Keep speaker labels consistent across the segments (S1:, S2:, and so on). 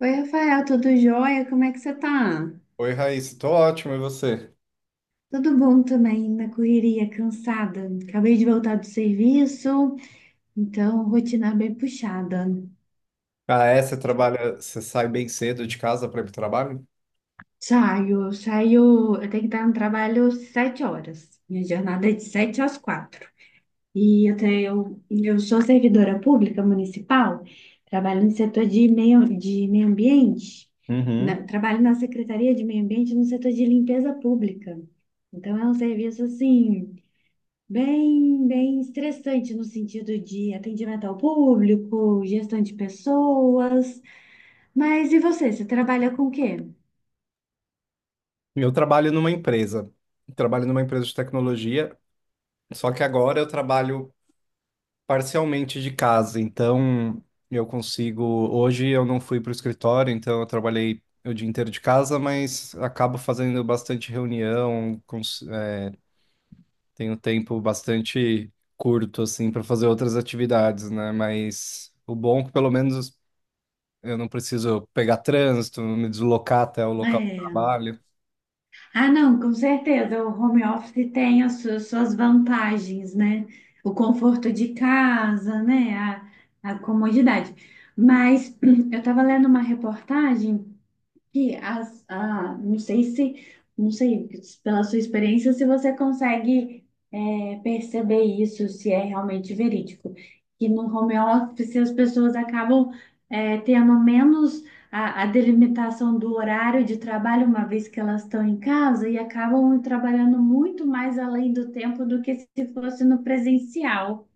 S1: Oi, Rafael, tudo jóia? Como é que você tá?
S2: Oi, Raíssa, tô ótimo, e você?
S1: Tudo bom também, na correria, cansada. Acabei de voltar do serviço, então rotina bem puxada.
S2: Ah, é, você sai bem cedo de casa para ir para o trabalho?
S1: Saio, eu tenho que estar no trabalho 7 horas. Minha jornada é de 7 às 4. Eu sou servidora pública municipal, trabalho no setor de meio ambiente,
S2: Uhum.
S1: trabalho na Secretaria de Meio Ambiente no setor de limpeza pública. Então é um serviço assim bem estressante no sentido de atendimento ao público, gestão de pessoas. Mas e você? Você trabalha com o quê?
S2: Eu trabalho numa empresa de tecnologia, só que agora eu trabalho parcialmente de casa, então eu consigo, hoje eu não fui para o escritório, então eu trabalhei o dia inteiro de casa, mas acabo fazendo bastante reunião, tenho tempo bastante curto, assim, para fazer outras atividades, né? Mas o bom é que pelo menos eu não preciso pegar trânsito, me deslocar até o local de
S1: É.
S2: trabalho.
S1: Ah, não, com certeza. O home office tem suas vantagens, né? O conforto de casa, né? A comodidade. Mas eu estava lendo uma reportagem. E as, ah, não sei se, não sei, pela sua experiência, se você consegue perceber isso, se é realmente verídico. Que no home office as pessoas acabam tendo menos a delimitação do horário de trabalho, uma vez que elas estão em casa, e acabam trabalhando muito mais além do tempo do que se fosse no presencial.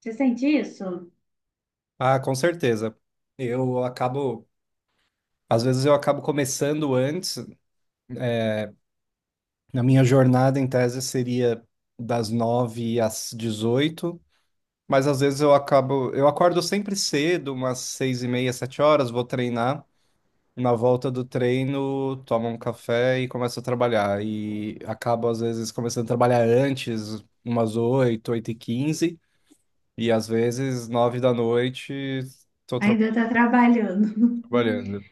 S1: Você sente isso?
S2: Ah, com certeza. Eu acabo, às vezes eu acabo começando antes. Na minha jornada, em tese, seria das 9 às 18, mas às vezes eu acordo sempre cedo, umas seis e meia, sete horas, vou treinar. Na volta do treino, tomo um café e começo a trabalhar. E acabo, às vezes, começando a trabalhar antes, umas 8, 8 e 15. E às vezes, nove da noite, estou
S1: Ainda está trabalhando.
S2: trabalhando.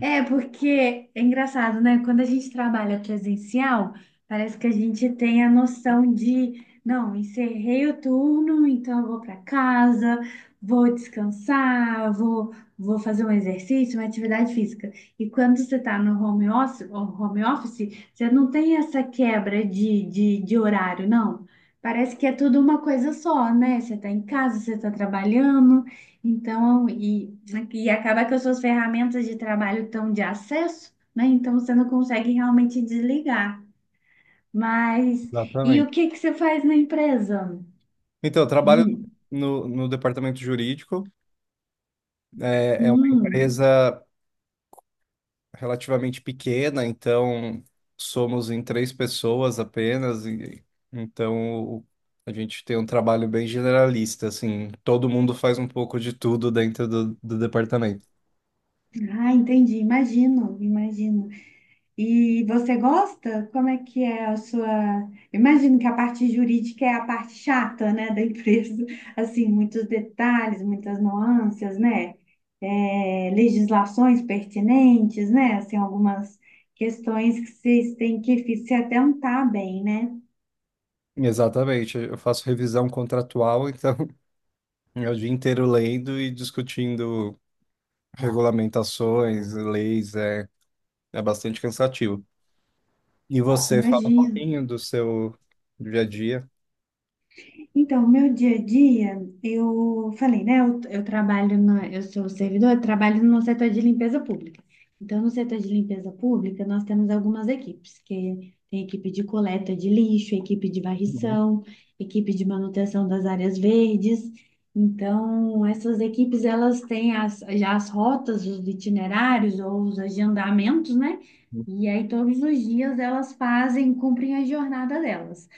S1: É, porque é engraçado, né? Quando a gente trabalha presencial, parece que a gente tem a noção de, não, encerrei o turno, então eu vou para casa, vou descansar, vou, vou fazer um exercício, uma atividade física. E quando você está no home office, você não tem essa quebra de horário, não. Parece que é tudo uma coisa só, né? Você está em casa, você está trabalhando. Então, e, né, e acaba que as suas ferramentas de trabalho estão de acesso, né? Então você não consegue realmente desligar. Mas, e
S2: Exatamente.
S1: o que que você faz na empresa?
S2: Então, eu trabalho
S1: Hum,
S2: no departamento jurídico. É uma
S1: hum.
S2: empresa relativamente pequena, então somos em três pessoas apenas. Então, a gente tem um trabalho bem generalista, assim, todo mundo faz um pouco de tudo dentro do departamento.
S1: Ah, entendi, imagino. E você gosta? Como é que é a sua. Imagino que a parte jurídica é a parte chata, né, da empresa. Assim, muitos detalhes, muitas nuances, né? É, legislações pertinentes, né? Assim, algumas questões que vocês têm que se atentar bem, né?
S2: Exatamente, eu faço revisão contratual, então é o dia inteiro lendo e discutindo regulamentações, leis, é bastante cansativo. E você fala um
S1: Imagino.
S2: pouquinho do seu dia a dia?
S1: Então, meu dia a dia, eu falei, né? Eu trabalho eu sou servidor, eu trabalho no setor de limpeza pública. Então, no setor de limpeza pública, nós temos algumas equipes, que tem equipe de coleta de lixo, equipe de
S2: Uhum,
S1: varrição, equipe de manutenção das áreas verdes. Então, essas equipes, elas têm já as rotas, os itinerários ou os agendamentos, né?
S2: uhum,
S1: E aí, todos os dias, elas fazem, cumprem a jornada delas.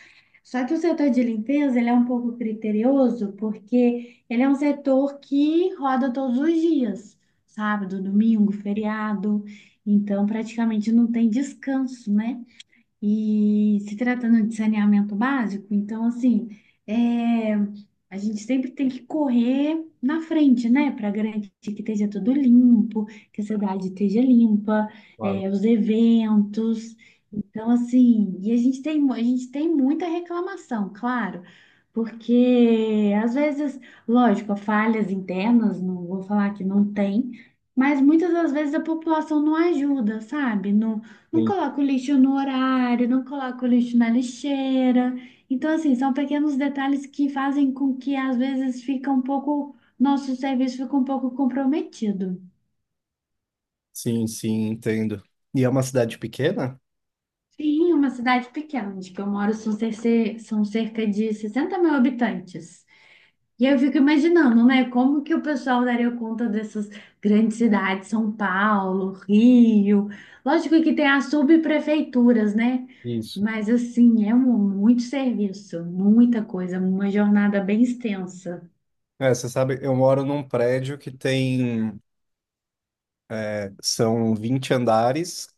S1: Só que o setor de limpeza, ele é um pouco criterioso, porque ele é um setor que roda todos os dias, sábado, domingo, feriado, então praticamente não tem descanso, né? E se tratando de saneamento básico, então assim, é, a gente sempre tem que correr na frente, né? Para garantir que esteja tudo limpo, que a cidade esteja limpa,
S2: claro.
S1: é, os eventos. Então, assim, e a gente tem, a gente tem muita reclamação, claro, porque às vezes, lógico, falhas internas, não vou falar que não tem, mas muitas das vezes a população não ajuda, sabe? Não, não
S2: Sim,
S1: coloca o lixo no horário, não coloca o lixo na lixeira. Então, assim, são pequenos detalhes que fazem com que às vezes fica um pouco, nosso serviço fica um pouco comprometido.
S2: sim, sim, entendo. E é uma cidade pequena?
S1: Sim, uma cidade pequena, onde que eu moro são, são cerca de 60 mil habitantes. E aí eu fico imaginando, né, como que o pessoal daria conta dessas grandes cidades, São Paulo, Rio. Lógico que tem as subprefeituras, né?
S2: Isso.
S1: Mas assim, é um, muito serviço, muita coisa, uma jornada bem extensa.
S2: É, você sabe, eu moro num prédio que tem, são 20 andares,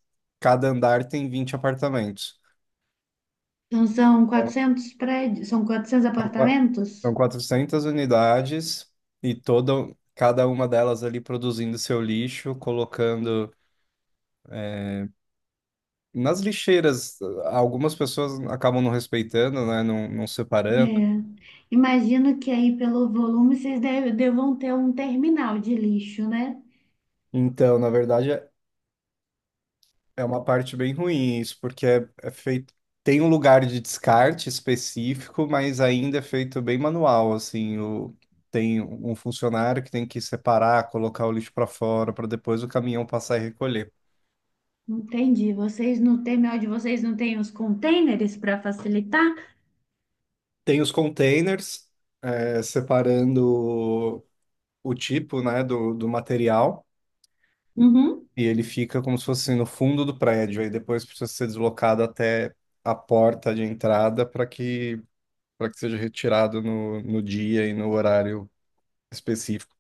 S2: cada andar tem 20 apartamentos.
S1: Então são
S2: Então,
S1: 400 prédios, são 400
S2: são qua- são
S1: apartamentos?
S2: 400 unidades e toda, cada uma delas ali produzindo seu lixo, colocando nas lixeiras, algumas pessoas acabam não respeitando, né? Não, não separando.
S1: É. Imagino que aí pelo volume vocês devam ter um terminal de lixo, né?
S2: Então, na verdade, é uma parte bem ruim isso, porque é feito. Tem um lugar de descarte específico, mas ainda é feito bem manual, assim. Tem um funcionário que tem que separar, colocar o lixo para fora, para depois o caminhão passar e recolher.
S1: Entendi. Vocês no terminal de vocês não têm os containers para facilitar?
S2: Tem os containers, separando o tipo, né, do material.
S1: Uhum,
S2: E ele fica como se fosse assim, no fundo do prédio, aí depois precisa ser deslocado até a porta de entrada para que seja retirado no dia e no horário específico,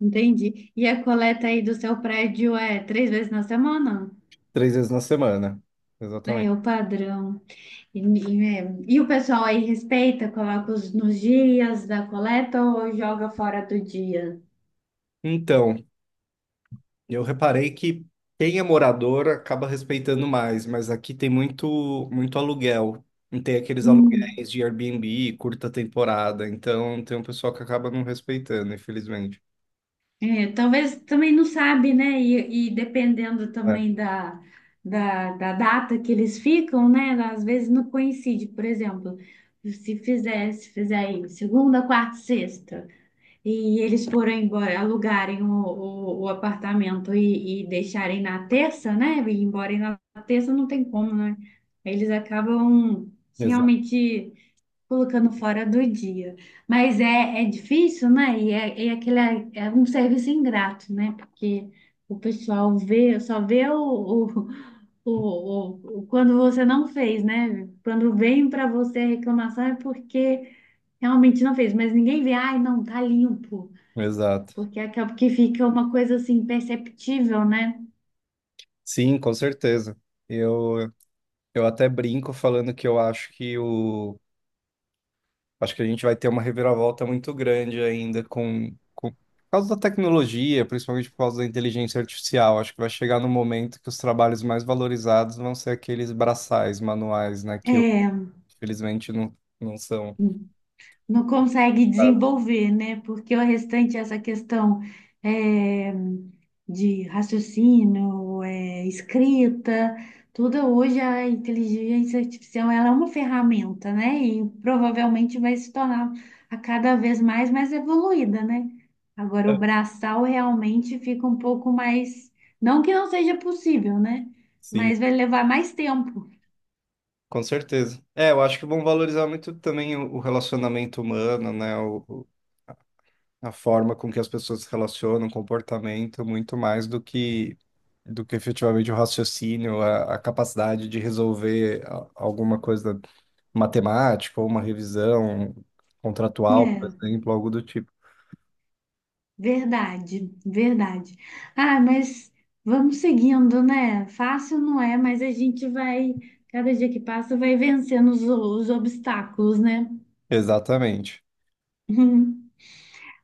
S1: entendi. E a coleta aí do seu prédio é 3 vezes na semana?
S2: três vezes na semana.
S1: É,
S2: Exatamente.
S1: é o padrão. E o pessoal aí respeita, coloca os, nos dias da coleta ou joga fora do dia?
S2: Então, eu reparei que quem é morador acaba respeitando mais, mas aqui tem muito, muito aluguel. E tem aqueles aluguéis de Airbnb, curta temporada, então tem um pessoal que acaba não respeitando, infelizmente.
S1: É, talvez também não sabe, né? E dependendo
S2: É,
S1: também da data que eles ficam, né? Às vezes não coincide. Por exemplo, se fizer aí segunda, quarta, sexta, e eles forem embora, alugarem o apartamento e deixarem na terça, né? E ir embora na terça não tem como, né? Eles acabam se
S2: exa-
S1: realmente colocando fora do dia. Mas é, é difícil, né? E é, é aquele, é um serviço ingrato, né? Porque o pessoal vê, só vê o- quando você não fez, né? Quando vem para você a reclamação é porque realmente não fez, mas ninguém vê, ai, não, tá limpo,
S2: exato.
S1: porque acaba que fica uma coisa assim perceptível, né?
S2: Sim, com certeza. Eu, eu até brinco falando que eu acho acho que a gente vai ter uma reviravolta muito grande ainda por causa da tecnologia, principalmente por causa da inteligência artificial. Acho que vai chegar no momento que os trabalhos mais valorizados vão ser aqueles braçais manuais, né? Que
S1: É.
S2: infelizmente não, não são.
S1: Não consegue
S2: Ah,
S1: desenvolver, né? Porque o restante, essa questão é, de raciocínio, é, escrita, tudo hoje a inteligência artificial ela é uma ferramenta, né? E provavelmente vai se tornar a cada vez mais evoluída, né? Agora o braçal realmente fica um pouco mais, não que não seja possível, né?
S2: sim,
S1: Mas vai levar mais tempo.
S2: com certeza. É, eu acho que vão valorizar muito também o relacionamento humano, né? A forma com que as pessoas se relacionam, o comportamento, muito mais do que efetivamente o raciocínio, a capacidade de resolver alguma coisa matemática ou uma revisão contratual, por
S1: É,
S2: exemplo, algo do tipo.
S1: verdade, verdade. Ah, mas vamos seguindo, né? Fácil não é, mas a gente vai, cada dia que passa, vai vencendo os obstáculos, né?
S2: Exatamente.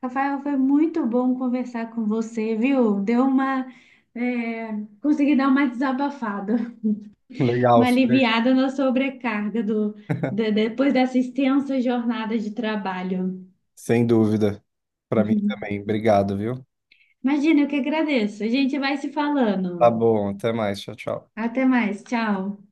S1: Rafael, foi muito bom conversar com você, viu? Deu uma, é, consegui dar uma desabafada,
S2: Legal,
S1: uma
S2: Fer.
S1: aliviada na sobrecarga do, depois dessa extensa jornada de trabalho.
S2: Sem dúvida. Para mim também. Obrigado, viu?
S1: Imagina, eu que agradeço. A gente vai se
S2: Tá
S1: falando.
S2: bom, até mais. Tchau, tchau.
S1: Até mais, tchau.